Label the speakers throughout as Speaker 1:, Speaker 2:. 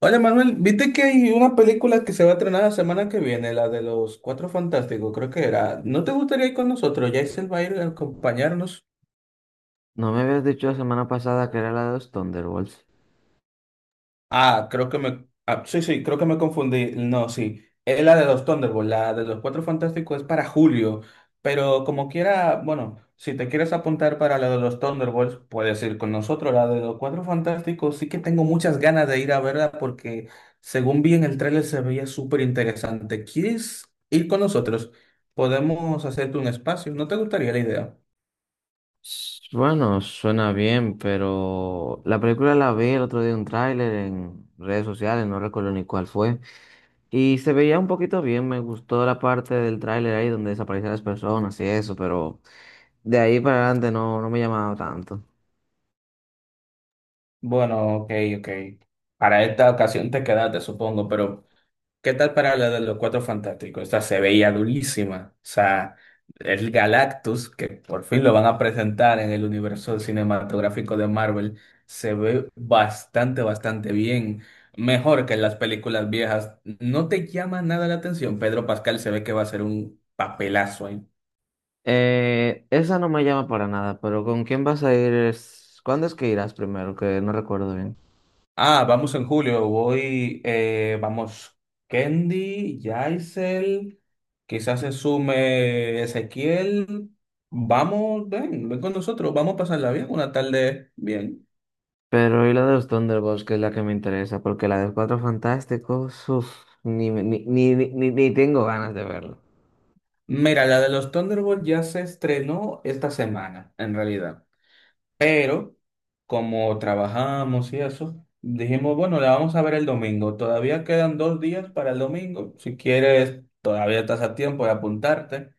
Speaker 1: Oye, Manuel, ¿viste que hay una película que se va a estrenar la semana que viene, la de los Cuatro Fantásticos, creo que era? ¿No te gustaría ir con nosotros? Jaisel va a ir a acompañarnos.
Speaker 2: ¿No me habías dicho la semana pasada que era la de los Thunderbolts?
Speaker 1: Ah, creo que me. Ah, Sí, sí, creo que me confundí. No, sí. Es la de los Thunderbolts, la de los Cuatro Fantásticos es para julio. Pero como quiera, bueno, si te quieres apuntar para la de los Thunderbolts, puedes ir con nosotros. La de los Cuatro Fantásticos sí que tengo muchas ganas de ir a verla porque según vi en el tráiler se veía súper interesante. ¿Quieres ir con nosotros? Podemos hacerte un espacio. ¿No te gustaría la idea?
Speaker 2: Bueno, suena bien, pero la película la vi el otro día un tráiler en redes sociales, no recuerdo ni cuál fue, y se veía un poquito bien, me gustó la parte del tráiler ahí donde desaparecían las personas y eso, pero de ahí para adelante no me llamaba tanto.
Speaker 1: Bueno, ok, ok. Para esta ocasión te quedaste, supongo, pero. ¿Qué tal para la de los Cuatro Fantásticos? Esta se veía durísima. O sea, el Galactus, que por fin lo van a presentar en el universo cinematográfico de Marvel, se ve bastante, bastante bien. Mejor que en las películas viejas. No te llama nada la atención. Pedro Pascal se ve que va a ser un papelazo ahí.
Speaker 2: Esa no me llama para nada, pero ¿con quién vas a ir? ¿Cuándo es que irás primero? Que no recuerdo bien.
Speaker 1: Ah, vamos en julio. Vamos, Kendi, Yaisel, quizás se sume Ezequiel. Vamos, ven, ven con nosotros, vamos a pasarla bien, una tarde bien.
Speaker 2: Pero y la de los Thunderbolts, que es la que me interesa, porque la de Cuatro Fantásticos, uff, ni, me- ni, ni, ni, ni- ni tengo ganas de verlo.
Speaker 1: Mira, la de los Thunderbolts ya se estrenó esta semana, en realidad. Pero, como trabajamos y eso, dijimos, bueno, la vamos a ver el domingo. Todavía quedan 2 días para el domingo. Si quieres, todavía estás a tiempo de apuntarte.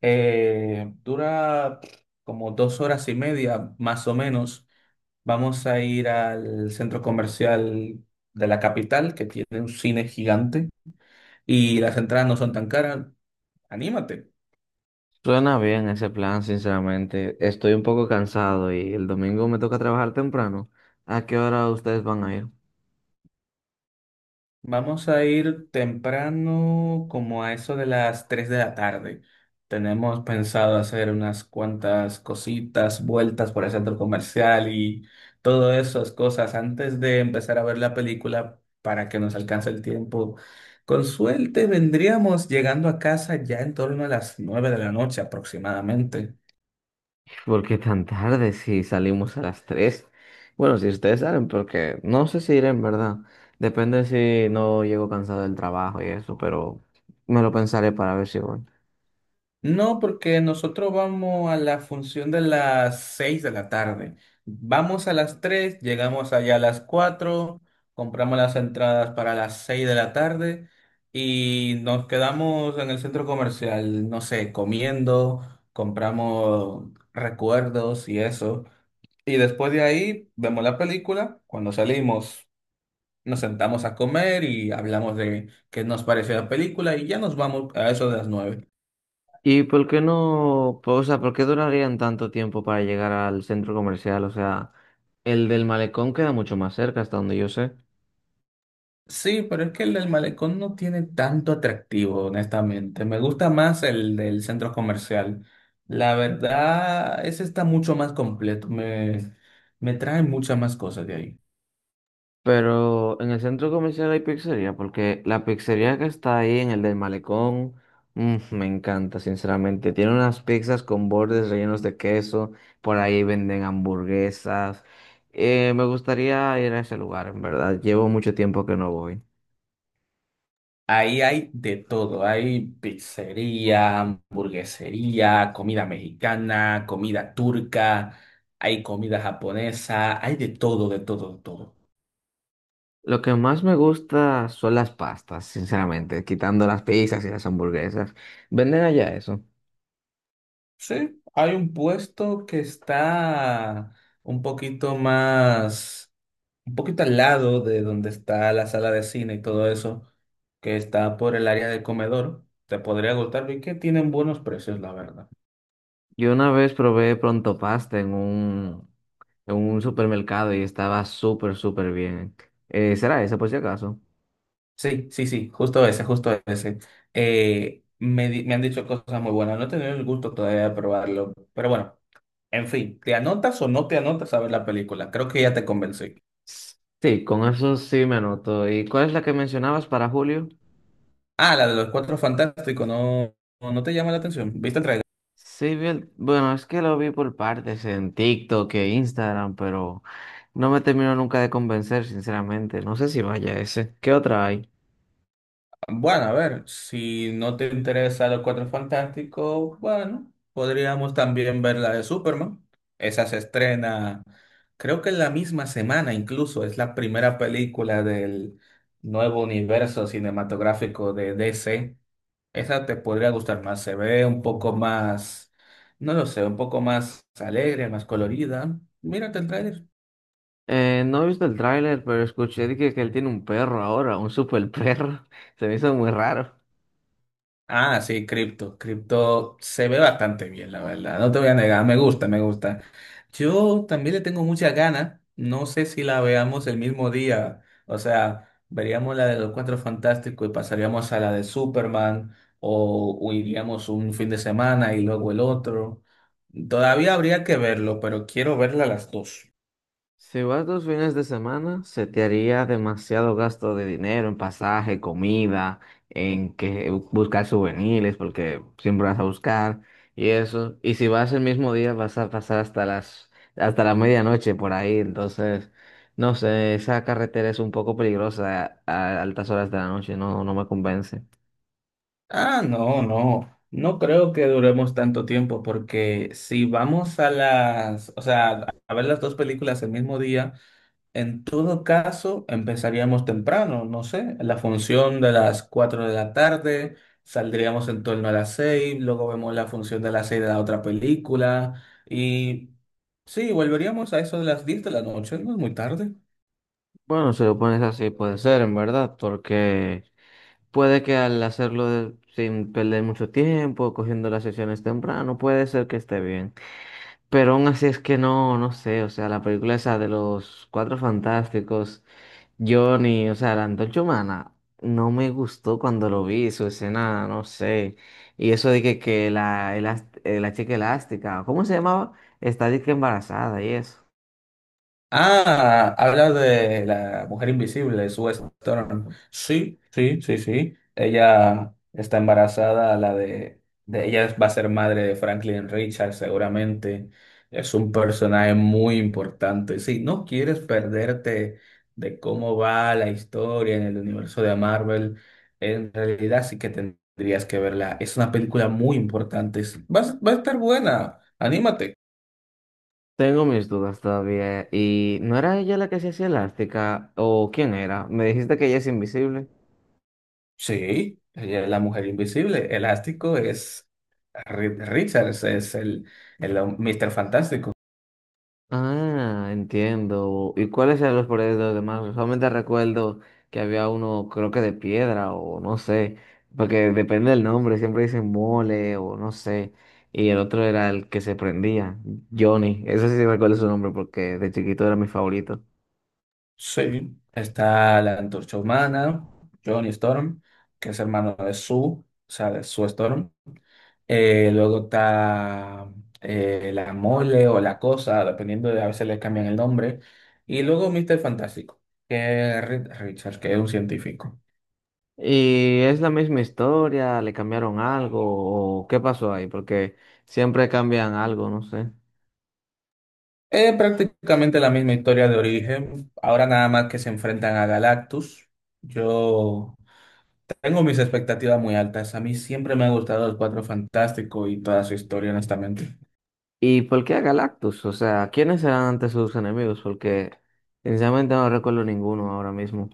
Speaker 1: Dura como 2 horas y media, más o menos. Vamos a ir al centro comercial de la capital, que tiene un cine gigante, y las entradas no son tan caras. Anímate.
Speaker 2: Suena bien ese plan, sinceramente. Estoy un poco cansado y el domingo me toca trabajar temprano. ¿A qué hora ustedes van a ir?
Speaker 1: Vamos a ir temprano, como a eso de las 3 de la tarde. Tenemos pensado hacer unas cuantas cositas, vueltas por el centro comercial y todas esas cosas antes de empezar a ver la película para que nos alcance el tiempo. Con suerte vendríamos llegando a casa ya en torno a las 9 de la noche aproximadamente.
Speaker 2: ¿Por qué tan tarde si salimos a las 3? Bueno, si ustedes salen, porque no sé si iré en verdad. Depende si no llego cansado del trabajo y eso, pero me lo pensaré para ver si voy.
Speaker 1: No, porque nosotros vamos a la función de las 6 de la tarde. Vamos a las 3, llegamos allá a las 4, compramos las entradas para las 6 de la tarde y nos quedamos en el centro comercial, no sé, comiendo, compramos recuerdos y eso. Y después de ahí vemos la película. Cuando salimos, nos sentamos a comer y hablamos de qué nos pareció la película y ya nos vamos a eso de las 9.
Speaker 2: ¿Y por qué no, po- o sea, por qué durarían tanto tiempo para llegar al centro comercial? O sea, el del malecón queda mucho más cerca, hasta donde yo sé.
Speaker 1: Sí, pero es que el del malecón no tiene tanto atractivo, honestamente. Me gusta más el del centro comercial. La verdad, ese está mucho más completo. Me trae muchas más cosas de ahí.
Speaker 2: Pero en el centro comercial hay pizzería, porque la pizzería que está ahí en el del malecón, me encanta, sinceramente. Tiene unas pizzas con bordes rellenos de queso, por ahí venden hamburguesas. Me gustaría ir a ese lugar, en verdad. Llevo mucho tiempo que no voy.
Speaker 1: Ahí hay de todo. Hay pizzería, hamburguesería, comida mexicana, comida turca, hay comida japonesa, hay de todo, de todo, de todo.
Speaker 2: Lo que más me gusta son las pastas, sinceramente, quitando las pizzas y las hamburguesas. Venden allá eso.
Speaker 1: Sí, hay un puesto que está un poquito más un poquito al lado de donde está la sala de cine y todo eso, que está por el área del comedor, te podría gustarlo y que tienen buenos precios, la verdad.
Speaker 2: Yo una vez probé pronto pasta en un supermercado y estaba súper, súper bien. ¿Será esa por si acaso?
Speaker 1: Sí, sí, sí, justo ese, justo ese. Me han dicho cosas muy buenas, no he tenido el gusto todavía de probarlo, pero bueno, en fin, ¿te anotas o no te anotas a ver la película? Creo que ya te convencí.
Speaker 2: S- Sí, con eso sí me anoto. ¿Y cuál es la que mencionabas para Julio?
Speaker 1: Ah, la de los Cuatro Fantásticos, no, no te llama la atención. ¿Viste el tráiler?
Speaker 2: Sí, bueno, es que lo vi por partes en TikTok e Instagram, pero no me terminó nunca de convencer, sinceramente. No sé si vaya ese. ¿Qué otra hay?
Speaker 1: Bueno, a ver, si no te interesa Los Cuatro Fantásticos, bueno, podríamos también ver la de Superman. Esa se estrena, creo que en la misma semana incluso, es la primera película del nuevo universo cinematográfico de DC. Esa te podría gustar más, se ve un poco más, no lo sé, un poco más alegre, más colorida. Mírate el tráiler.
Speaker 2: No he visto el tráiler, pero escuché de que él tiene un perro ahora, un super perro. Se me hizo muy raro.
Speaker 1: Ah, sí, Cripto. Cripto se ve bastante bien, la verdad. No te voy a negar, me gusta, me gusta. Yo también le tengo muchas ganas. No sé si la veamos el mismo día. O sea, veríamos la de los Cuatro Fantásticos y pasaríamos a la de Superman o iríamos un fin de semana y luego el otro. Todavía habría que verlo, pero quiero verla las dos.
Speaker 2: Si vas dos fines de semana, se te haría demasiado gasto de dinero en pasaje, comida, en que buscar souvenirs, porque siempre vas a buscar y eso. Y si vas el mismo día, vas a pasar hasta la medianoche por ahí. Entonces, no sé, esa carretera es un poco peligrosa a, altas horas de la noche, no me convence.
Speaker 1: Ah, no, no. No creo que duremos tanto tiempo porque si vamos a las, o sea, a ver las dos películas el mismo día, en todo caso empezaríamos temprano, no sé, la función de las 4 de la tarde, saldríamos en torno a las 6, luego vemos la función de las 6 de la otra película y sí, volveríamos a eso de las 10 de la noche, no es muy tarde.
Speaker 2: Bueno, si lo pones así, puede ser, en verdad, porque puede que al sin perder mucho tiempo, cogiendo las sesiones temprano, puede ser que esté bien. Pero aún así es que no sé, o sea, la película esa de los Cuatro Fantásticos, Johnny, o sea, la Antorcha Humana, no me gustó cuando lo vi, su escena, no sé. Y eso de que la chica elástica, ¿cómo se llamaba? Está de que embarazada y eso.
Speaker 1: Ah, habla de la mujer invisible, Sue Storm. Sí, sí, sí, sí. Ella está embarazada, la de ella va a ser madre de Franklin Richards, seguramente. Es un personaje muy importante. Si no quieres perderte de cómo va la historia en el universo de Marvel, en realidad sí que tendrías que verla. Es una película muy importante. Va a estar buena. Anímate.
Speaker 2: Tengo mis dudas todavía. ¿Y no era ella la que se hacía elástica? ¿O quién era? Me dijiste que ella es invisible.
Speaker 1: Sí, ella es la mujer invisible. Elástico es Richards, es el hom- Fantástico.
Speaker 2: Ah, entiendo. ¿Y cuáles eran los poderes de los demás? Solamente recuerdo que había uno, creo que de piedra o no sé, porque depende del nombre, siempre dicen mole o no sé. Y el otro era el que se prendía, Johnny. Eso sí recuerdo su nombre porque de chiquito era mi favorito.
Speaker 1: Sí. Está la Antorcha Humana, Johnny Storm, que es hermano de Sue, o sea, de Sue Storm. Luego está la Mole o la Cosa, dependiendo de, a veces le cambian el nombre. Y luego Mr. Fantástico, que es Richards, que es un científico.
Speaker 2: ¿Y es la misma historia? ¿Le cambiaron algo? ¿O qué pasó ahí? Porque siempre cambian algo, no sé.
Speaker 1: Es prácticamente la misma historia de origen, ahora nada más que se enfrentan a Galactus. Yo tengo mis expectativas muy altas, a mí siempre me ha gustado el Cuatro Fantástico y toda su historia, honestamente.
Speaker 2: ¿Y por qué a Galactus? O sea, ¿quiénes eran antes sus enemigos? Porque sinceramente no recuerdo ninguno ahora mismo.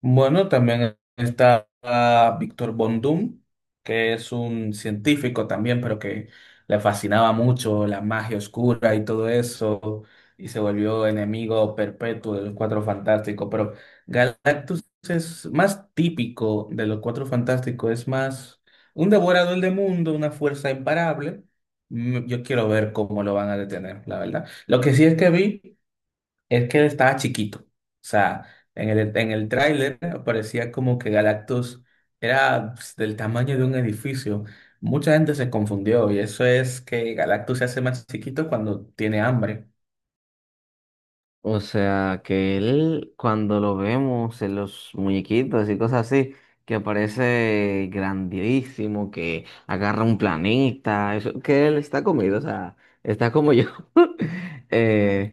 Speaker 1: Bueno, también está Víctor Von Doom, que es un científico también, pero que le fascinaba mucho la magia oscura y todo eso, y se volvió enemigo perpetuo de los Cuatro Fantásticos. Pero Galactus es más típico de los Cuatro Fantásticos, es más un devorador de mundo, una fuerza imparable. Yo quiero ver cómo lo van a detener, la verdad. Lo que sí es que vi. Es que él estaba chiquito. O sea, en el tráiler parecía como que Galactus era pues, del tamaño de un edificio. Mucha gente se confundió y eso es que Galactus se hace más chiquito cuando tiene hambre.
Speaker 2: O sea, que él, cuando lo vemos en los muñequitos y cosas así, que aparece grandísimo, que agarra un planeta, eso, que él está comido, o sea, está como yo. Eh,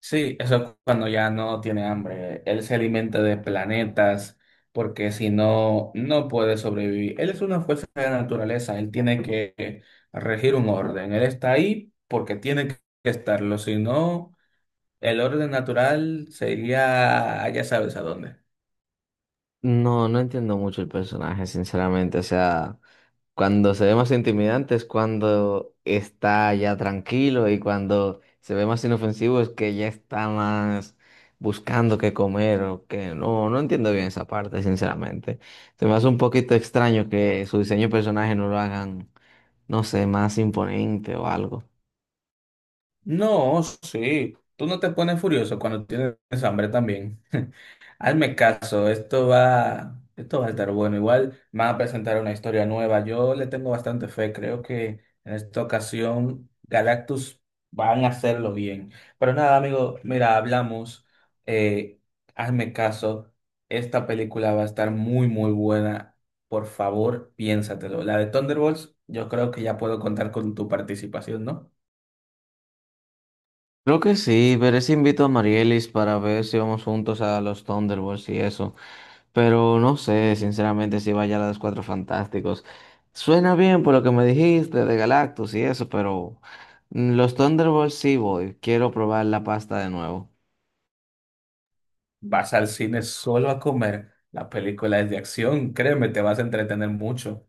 Speaker 1: Sí, eso es cuando ya no tiene hambre. Él se alimenta de planetas porque si no, no puede sobrevivir. Él es una fuerza de la naturaleza. Él tiene que regir un orden. Él está ahí porque tiene que estarlo. Si no… El orden natural sería, ya sabes a dónde.
Speaker 2: No entiendo mucho el personaje, sinceramente. O sea, cuando se ve más intimidante es cuando está ya tranquilo y cuando se ve más inofensivo es que ya está más buscando qué comer o que no entiendo bien esa parte, sinceramente. Se me hace un poquito extraño que su diseño de personaje no lo hagan, no sé, más imponente o algo.
Speaker 1: No, sí. Tú no te pones furioso cuando tienes hambre también. Hazme caso, esto va a estar bueno. Igual van a presentar una historia nueva. Yo le tengo bastante fe. Creo que en esta ocasión Galactus van a hacerlo bien. Pero nada, amigo, mira, hablamos. Eh, Hazme caso. Esta película va a estar muy, muy buena. Por favor, piénsatelo. La de Thunderbolts, yo creo que ya puedo contar con tu participación, ¿no?
Speaker 2: Creo que sí, veré si invito a Marielis para ver si vamos juntos a los Thunderbolts y eso. Pero no sé, sinceramente, si vaya a los Cuatro Fantásticos. Suena bien por lo que me dijiste de Galactus y eso, pero mm, los Thunderbolts sí voy. Quiero probar la pasta de nuevo.
Speaker 1: Vas al cine solo a comer. La película es de acción, créeme, te vas a entretener mucho.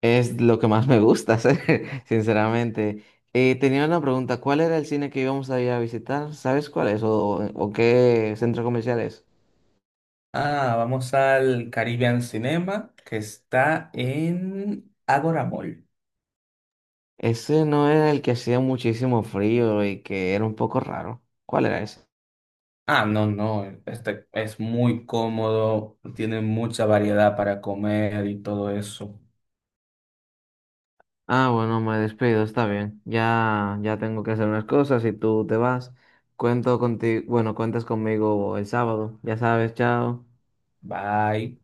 Speaker 2: Es lo que más me gusta hacer, sinceramente. Tenía una pregunta, ¿cuál era el cine que íbamos a ir a visitar? ¿Sabes cuál es? ¿O qué centro comercial es?
Speaker 1: Ah, vamos al Caribbean Cinema, que está en Agora Mall.
Speaker 2: Ese no era el que hacía muchísimo frío y que era un poco raro. ¿Cuál era ese?
Speaker 1: Ah, no, no, este es muy cómodo, tiene mucha variedad para comer y todo eso.
Speaker 2: Ah, bueno, me despido, está bien. Ya tengo que hacer unas cosas y tú te vas. Cuento contigo, bueno, cuentas conmigo el sábado, ya sabes, chao.
Speaker 1: Bye.